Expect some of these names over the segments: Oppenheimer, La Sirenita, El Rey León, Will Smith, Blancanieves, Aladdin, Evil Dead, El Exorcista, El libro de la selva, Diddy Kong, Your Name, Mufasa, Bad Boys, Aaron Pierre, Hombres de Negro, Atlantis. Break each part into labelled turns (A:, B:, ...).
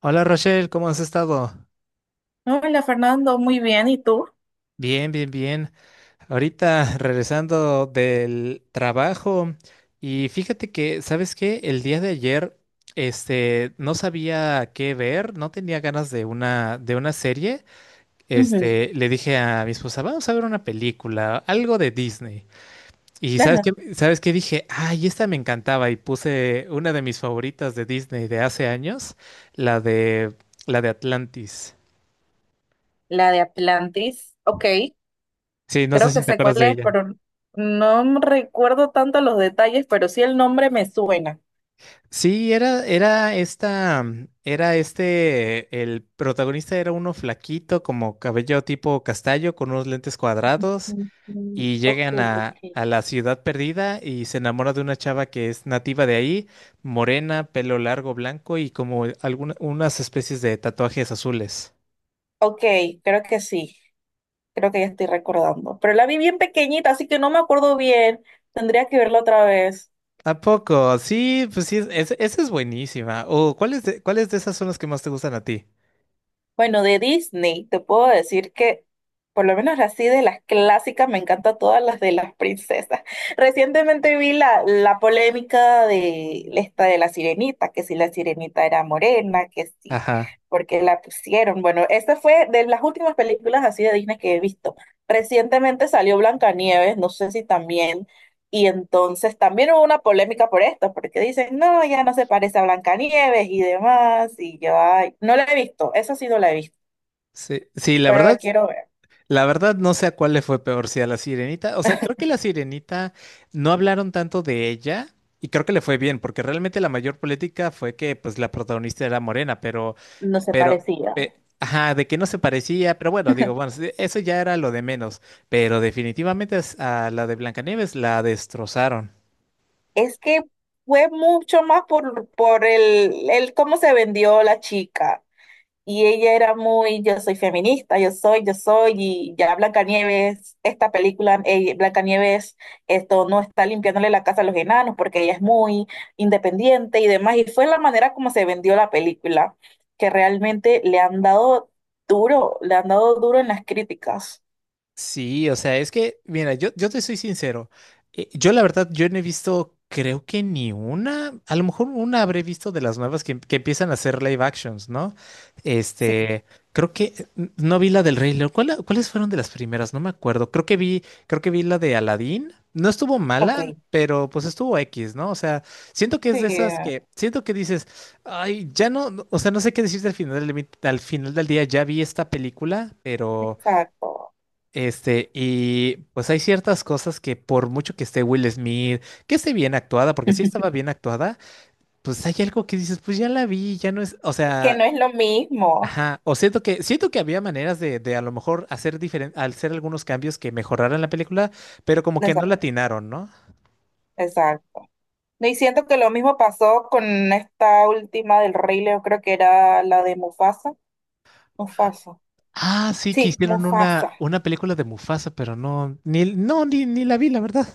A: Hola Rochelle, ¿cómo has estado?
B: Hola Fernando, muy bien. ¿Y tú?
A: Bien, bien, bien. Ahorita regresando del trabajo y fíjate que, ¿sabes qué? El día de ayer, no sabía qué ver, no tenía ganas de una serie.
B: Ujú.
A: Le dije a mi esposa, vamos a ver una película, algo de Disney. Y ¿sabes
B: Ajá.
A: qué? ¿Sabes qué? Dije, ay, esta me encantaba y puse una de mis favoritas de Disney de hace años, la de, la de Atlantis.
B: La de Atlantis. Ok,
A: Sí, no sé
B: creo
A: si
B: que
A: te
B: sé
A: acuerdas
B: cuál
A: de
B: es,
A: ella.
B: pero no me recuerdo tanto los detalles, pero sí el nombre me suena.
A: Sí, era el protagonista era uno flaquito, como cabello tipo castaño, con unos lentes cuadrados,
B: Ujú.
A: y
B: Ok,
A: llegan
B: ok.
A: a la ciudad perdida y se enamora de una chava que es nativa de ahí, morena, pelo largo, blanco y como algunas unas especies de tatuajes azules.
B: Ok, creo que sí. Creo que ya estoy recordando. Pero la vi bien pequeñita, así que no me acuerdo bien. Tendría que verla otra vez.
A: ¿A poco? Sí, pues sí, esa es buenísima. O cuáles de esas son las que más te gustan a ti?
B: Bueno, de Disney, te puedo decir que, por lo menos así de las clásicas, me encantan todas las de las princesas. Recientemente vi la polémica de esta de la sirenita, que si la sirenita era morena, que sí,
A: Ajá.
B: porque la pusieron. Bueno, esta fue de las últimas películas así de Disney que he visto. Recientemente salió Blancanieves, no sé si también, y entonces también hubo una polémica por esto, porque dicen, no, ya no se parece a Blancanieves y demás, y yo, ay, no la he visto, eso sí no la he visto,
A: Sí, sí, la
B: pero la
A: verdad.
B: quiero ver.
A: La verdad no sé a cuál le fue peor, si a la Sirenita, o sea, creo que la Sirenita no hablaron tanto de ella y creo que le fue bien, porque realmente la mayor política fue que pues la protagonista era morena, pero,
B: No se
A: pero,
B: parecía.
A: pe- ajá, de que no se parecía, pero bueno, digo, bueno, sí, eso ya era lo de menos, pero definitivamente a la de Blancanieves la destrozaron.
B: Es que fue mucho más por, por el cómo se vendió la chica. Y ella era muy, yo soy feminista, yo soy, y ya Blancanieves, esta película, Blancanieves, esto no está limpiándole la casa a los enanos porque ella es muy independiente y demás. Y fue la manera como se vendió la película, que realmente le han dado duro, le han dado duro en las críticas.
A: Sí, o sea, es que, mira, yo te soy sincero. Yo la verdad, yo no he visto, creo que ni una, a lo mejor una habré visto de las nuevas que empiezan a hacer live actions, ¿no?
B: Sí,
A: Este, creo que no vi la del Rey León. Cuáles fueron de las primeras? No me acuerdo. Creo que vi la de Aladdin. No estuvo
B: ok,
A: mala, pero pues estuvo X, ¿no? O sea, siento que
B: sí,
A: es de esas que, siento que dices, ay, ya o sea, no sé qué decirte al final al final del día, ya vi esta película, pero...
B: exacto.
A: Y pues hay ciertas cosas que por mucho que esté Will Smith, que esté bien actuada, porque sí estaba bien actuada, pues hay algo que dices, pues ya la vi, ya no es, o
B: Que
A: sea,
B: no es lo mismo.
A: ajá, o siento que había maneras de a lo mejor hacer diferente, hacer algunos cambios que mejoraran la película, pero como que no la
B: Exacto,
A: atinaron, ¿no?
B: exacto. No, y siento que lo mismo pasó con esta última del Rey León, creo que era la de Mufasa. Mufasa.
A: Ah, sí, que
B: Sí,
A: hicieron
B: Mufasa.
A: una película de Mufasa, pero ni la vi, la verdad.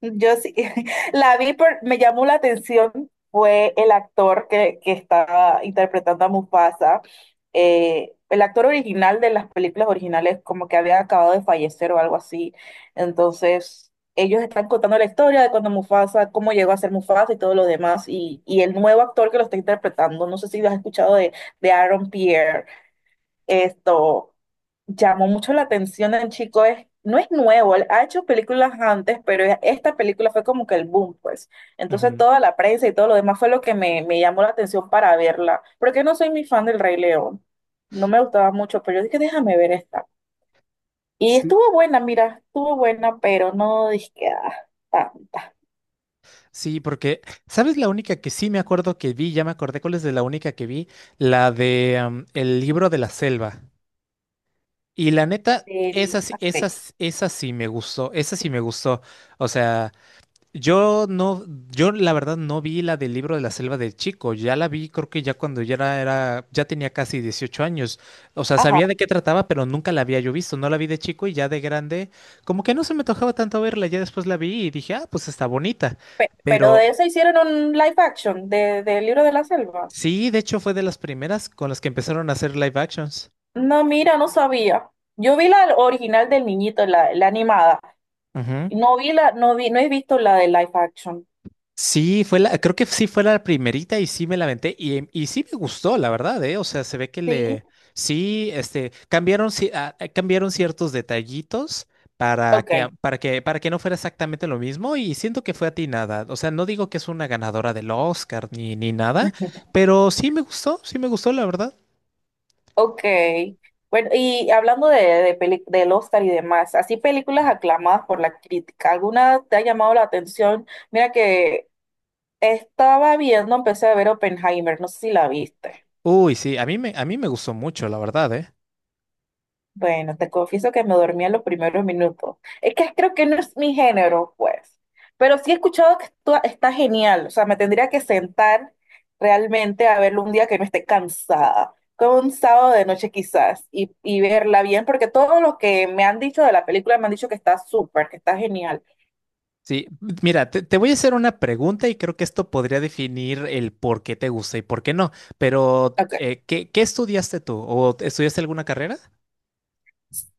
B: Yo sí, la vi, por, me llamó la atención, fue el actor que estaba interpretando a Mufasa. El actor original de las películas originales como que había acabado de fallecer o algo así. Entonces, ellos están contando la historia de cuando Mufasa, cómo llegó a ser Mufasa y todo lo demás. Y el nuevo actor que lo está interpretando, no sé si lo has escuchado de Aaron Pierre. Esto llamó mucho la atención del chico, es, no es nuevo, él ha hecho películas antes, pero esta película fue como que el boom, pues. Entonces
A: Ujú.
B: toda la prensa y todo lo demás fue lo que me llamó la atención para verla, porque no soy muy fan del Rey León, no me gustaba mucho, pero yo dije, déjame ver esta. Y
A: Sí.
B: estuvo buena, mira, estuvo buena, pero no dije que ah, tanta
A: Sí, porque, ¿sabes la única que sí me acuerdo que vi? Ya me acordé cuál es de la única que vi, la de El libro de la selva. Y la neta,
B: del aspecto.
A: esa sí me gustó, esa sí me gustó. O sea, yo no, yo la verdad no vi la del libro de la selva de chico, ya la vi creo que ya cuando ya ya tenía casi 18 años. O sea,
B: Ajá,
A: sabía de qué trataba, pero nunca la había yo visto, no la vi de chico y ya de grande, como que no se me tocaba tanto verla, ya después la vi y dije, ah, pues está bonita,
B: pero de
A: pero...
B: eso hicieron un live action de, del libro de la selva.
A: Sí, de hecho fue de las primeras con las que empezaron a hacer live actions.
B: No, mira, no sabía. Yo vi la original del niñito, la animada.
A: Ujú.
B: No vi la, no vi, no he visto la de live action.
A: Sí, fue la, creo que sí fue la primerita y sí me la aventé y, y sí me gustó, la verdad, ¿eh? O sea, se ve que
B: Sí.
A: le, sí, cambiaron, cambiaron ciertos detallitos para
B: Ok,
A: que, a- para que no fuera exactamente lo mismo y siento que fue atinada. O sea, no digo que es una ganadora del Oscar ni, ni nada, pero sí me gustó, la verdad.
B: ok. Bueno, y hablando de, del Oscar y demás, así películas aclamadas por la crítica, ¿alguna te ha llamado la atención? Mira que estaba viendo, empecé a ver Oppenheimer, no sé si la viste.
A: Uy, sí, a mí me gustó mucho, la verdad, ¿eh?
B: Bueno, te confieso que me dormía en los primeros minutos. Es que creo que no es mi género, pues. Pero sí he escuchado que esto está genial. O sea, me tendría que sentar realmente a verlo un día que no esté cansada. Como un sábado de noche quizás. Y verla bien, porque todo lo que me han dicho de la película me han dicho que está súper, que está genial.
A: Sí, mira, te voy a hacer una pregunta y creo que esto podría definir el por qué te gusta y por qué no, pero
B: Ok.
A: ¿qué, qué estudiaste tú? ¿O estudiaste alguna carrera?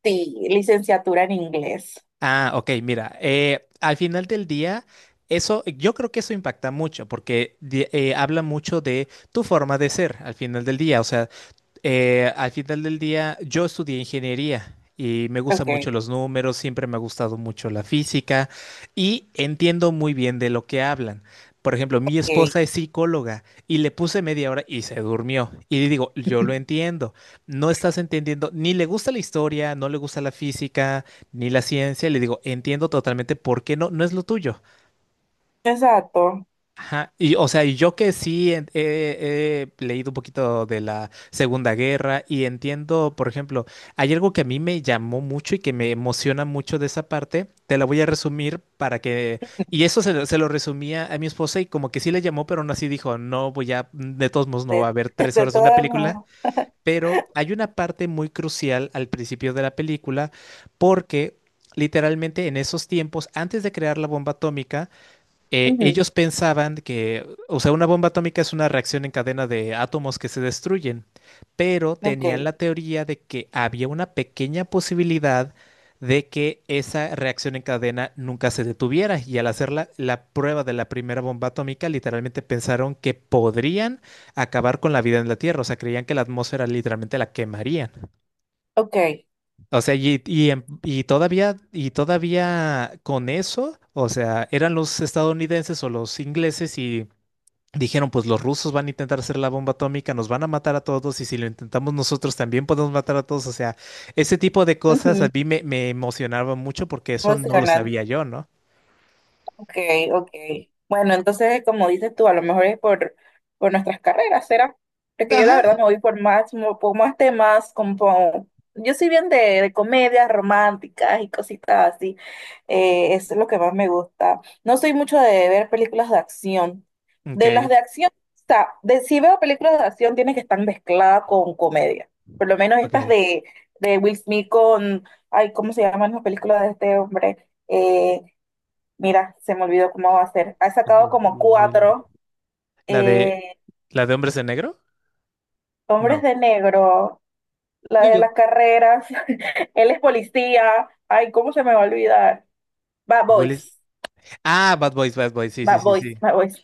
B: Sí, licenciatura en inglés.
A: Ah, ok, mira, al final del día, eso, yo creo que eso impacta mucho porque habla mucho de tu forma de ser al final del día, o sea, al final del día, yo estudié ingeniería y me gustan
B: Ok,
A: mucho los números, siempre me ha gustado mucho la física y entiendo muy bien de lo que hablan. Por ejemplo, mi
B: ok.
A: esposa es psicóloga y le puse media hora y se durmió. Y le digo, yo lo entiendo, no estás entendiendo, ni le gusta la historia, no le gusta la física, ni la ciencia. Le digo, entiendo totalmente por qué no, no es lo tuyo.
B: Exacto.
A: Ajá, y o sea, y yo que sí he leído un poquito de la Segunda Guerra y entiendo, por ejemplo, hay algo que a mí me llamó mucho y que me emociona mucho de esa parte, te la voy a resumir para que, y lo se lo resumía a mi esposa y como que sí le llamó, pero aún así dijo, no voy a, de todos modos no va a
B: De,
A: haber tres
B: de
A: horas de una
B: todas
A: película,
B: maneras.
A: pero hay una parte muy crucial al principio de la película porque... Literalmente en esos tiempos, antes de crear la bomba atómica,
B: Ujú.
A: ellos pensaban que, o sea, una bomba atómica es una reacción en cadena de átomos que se destruyen, pero
B: Ok,
A: tenían la teoría de que había una pequeña posibilidad de que esa reacción en cadena nunca se detuviera y al hacer la prueba de la primera bomba atómica literalmente pensaron que podrían acabar con la vida en la Tierra, o sea, creían que la atmósfera literalmente la quemarían.
B: ok.
A: O sea, y todavía con eso, o sea, eran los estadounidenses o los ingleses y dijeron, pues los rusos van a intentar hacer la bomba atómica, nos van a matar a todos y si lo intentamos nosotros también podemos matar a todos. O sea, ese tipo de cosas a
B: Ujú.
A: mí me, me emocionaba mucho porque eso no lo
B: Emocionante.
A: sabía yo, ¿no?
B: Ok, ok. Bueno, entonces, como dices tú, a lo mejor es por nuestras carreras, ¿será? Porque yo la
A: Ajá.
B: verdad me voy por más, por más temas, como yo soy bien de comedias románticas y cositas así. Eso es lo que más me gusta. No soy mucho de ver películas de acción. De las
A: Ok,
B: de acción, o sea, de, si veo películas de acción, tiene que estar mezclada con comedia. Por lo menos estas
A: ok.
B: de Will Smith con, ay, ¿cómo se llaman las películas de este hombre? Eh, Mira, se me olvidó cómo va a ser. Ha sacado
A: U-
B: como
A: Will-
B: cuatro.
A: La de,
B: eh,
A: la de hombres de negro.
B: Hombres
A: No.
B: de Negro, la de
A: Digo,
B: las carreras. Él es policía. Ay, ¿cómo se me va a olvidar? Bad
A: Willis.
B: Boys.
A: Ah, Bad Boys, Bad Boys, sí, sí,
B: Bad
A: sí,
B: Boys,
A: sí.
B: Bad Boys.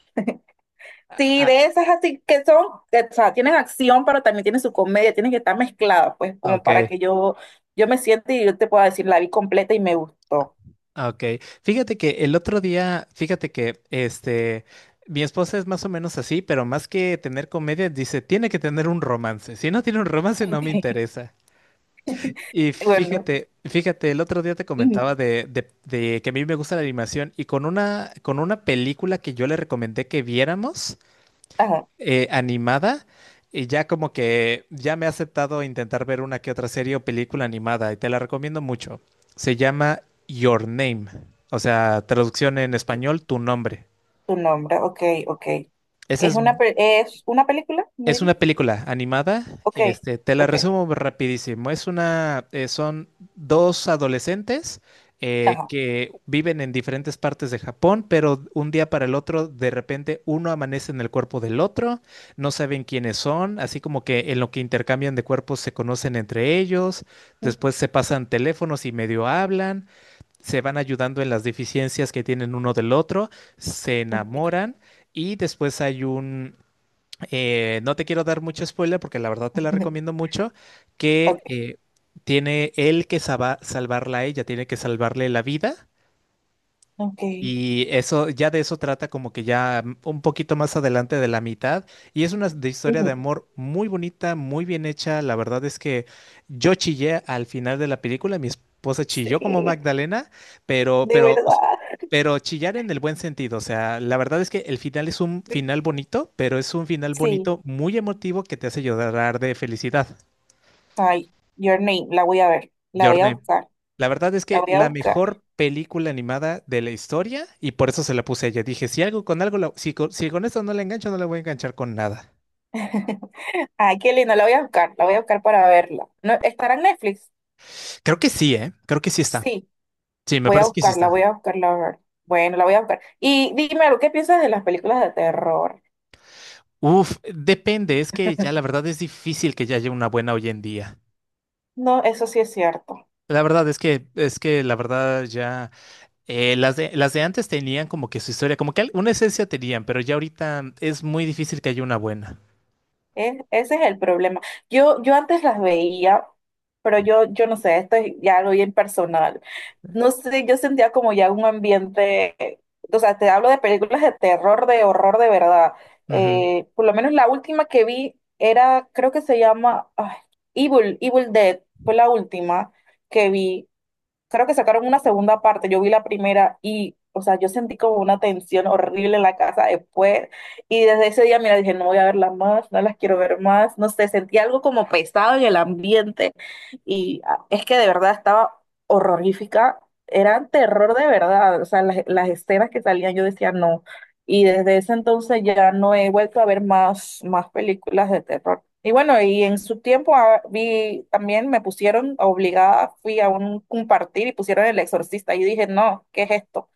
B: Sí,
A: Ah,
B: de esas así que son, que, o sea, tienen acción, pero también tienen su comedia, tienen que estar mezcladas, pues,
A: ah,
B: como
A: ok.
B: para que yo me siente y yo te pueda decir, la vi completa y me gustó.
A: Ah, ok, fíjate que el otro día, fíjate que mi esposa es más o menos así, pero más que tener comedia, dice, tiene que tener un romance. Si no tiene un romance, no
B: Ok.
A: me interesa. Y
B: Bueno,
A: fíjate, fíjate, el otro día te
B: ujú,
A: comentaba de que a mí me gusta la animación y con con una película que yo le recomendé que viéramos
B: ajá,
A: animada y ya como que ya me ha aceptado intentar ver una que otra serie o película animada y te la recomiendo mucho. Se llama Your Name, o sea, traducción en
B: ok,
A: español, tu nombre.
B: tu nombre, ok, ok.
A: Esa
B: ¿Es
A: es...
B: una, es una película? ¿Me
A: Es una
B: dijiste?
A: película animada,
B: Ok,
A: te la
B: ok,
A: resumo rapidísimo. Es una, son dos adolescentes
B: ajá.
A: que viven en diferentes partes de Japón, pero un día para el otro, de repente uno amanece en el cuerpo del otro, no saben quiénes son, así como que en lo que intercambian de cuerpos se conocen entre ellos, después se pasan teléfonos y medio hablan, se van ayudando en las deficiencias que tienen uno del otro, se enamoran y después hay un no te quiero dar mucho spoiler porque la verdad te la recomiendo mucho,
B: Ok,
A: que tiene él que salvarla a ella, tiene que salvarle la vida.
B: ok.
A: Y eso, ya de eso trata como que ya un poquito más adelante de la mitad. Y es de historia de
B: Ujú.
A: amor muy bonita, muy bien hecha. La verdad es que yo chillé al final de la película, mi esposa chilló como
B: Sí,
A: Magdalena, pero,
B: de
A: pero
B: verdad.
A: pero chillar en el buen sentido, o sea, la verdad es que el final es un
B: de-
A: final bonito, pero es un final
B: Sí,
A: bonito muy emotivo que te hace llorar de felicidad.
B: ay, Your Name, la voy a ver, la
A: Your
B: voy a
A: Name.
B: buscar,
A: La verdad es
B: la
A: que
B: voy a
A: la
B: buscar.
A: mejor película animada de la historia y por eso se la puse a ella. Dije, si algo con algo, si con esto no la engancho, no la voy a enganchar con nada.
B: Ay, qué lindo, la voy a buscar, la voy a buscar para verla. ¿No, estará en Netflix?
A: Creo que sí, ¿eh? Creo que sí está.
B: Sí,
A: Sí, me parece que sí está.
B: voy a buscarla a ver. Bueno, la voy a buscar. Y dime algo, ¿qué piensas de las películas de terror?
A: Uf, depende, es que ya la verdad es difícil que ya haya una buena hoy en día.
B: No, eso sí es cierto.
A: La verdad es que la verdad ya... las de antes tenían como que su historia, como que una esencia tenían, pero ya ahorita es muy difícil que haya una buena.
B: Ese es el problema. Yo antes las veía, pero yo no sé, esto es ya algo bien personal. No sé, yo sentía como ya un ambiente, o sea, te hablo de películas de terror, de horror de verdad.
A: Ujú.
B: Por lo menos la última que vi era, creo que se llama ay, Evil, Evil Dead, fue la última que vi. Creo que sacaron una segunda parte, yo vi la primera y, o sea, yo sentí como una tensión horrible en la casa después y desde ese día, mira, dije, no voy a verla más, no las quiero ver más, no sé, sentí algo como pesado en el ambiente y ah, es que de verdad estaba horrorífica, era terror de verdad, o sea, las escenas que salían yo decía no, y desde ese entonces ya no he vuelto a ver más, más películas de terror. Y bueno, y en su tiempo ah, vi también me pusieron obligada, fui a un compartir y pusieron El Exorcista. Y dije, no, ¿qué es esto?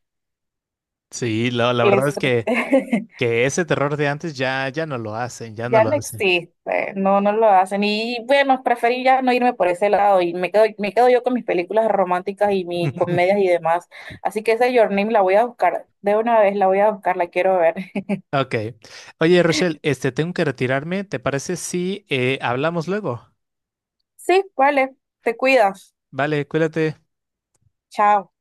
A: Sí, la
B: El
A: verdad es que ese terror de antes ya, ya no lo hacen, ya no
B: Ya
A: lo
B: no
A: hacen.
B: existe, no, no lo hacen. Y bueno, preferí ya no irme por ese lado y me quedo yo con mis películas románticas y mis comedias y demás. Así que esa Your Name la voy a buscar, de una vez la voy a buscar, la quiero ver.
A: Ok. Oye, Rochelle, tengo que retirarme. ¿Te parece si hablamos luego?
B: Sí, vale, te cuidas.
A: Vale, cuídate.
B: Chao.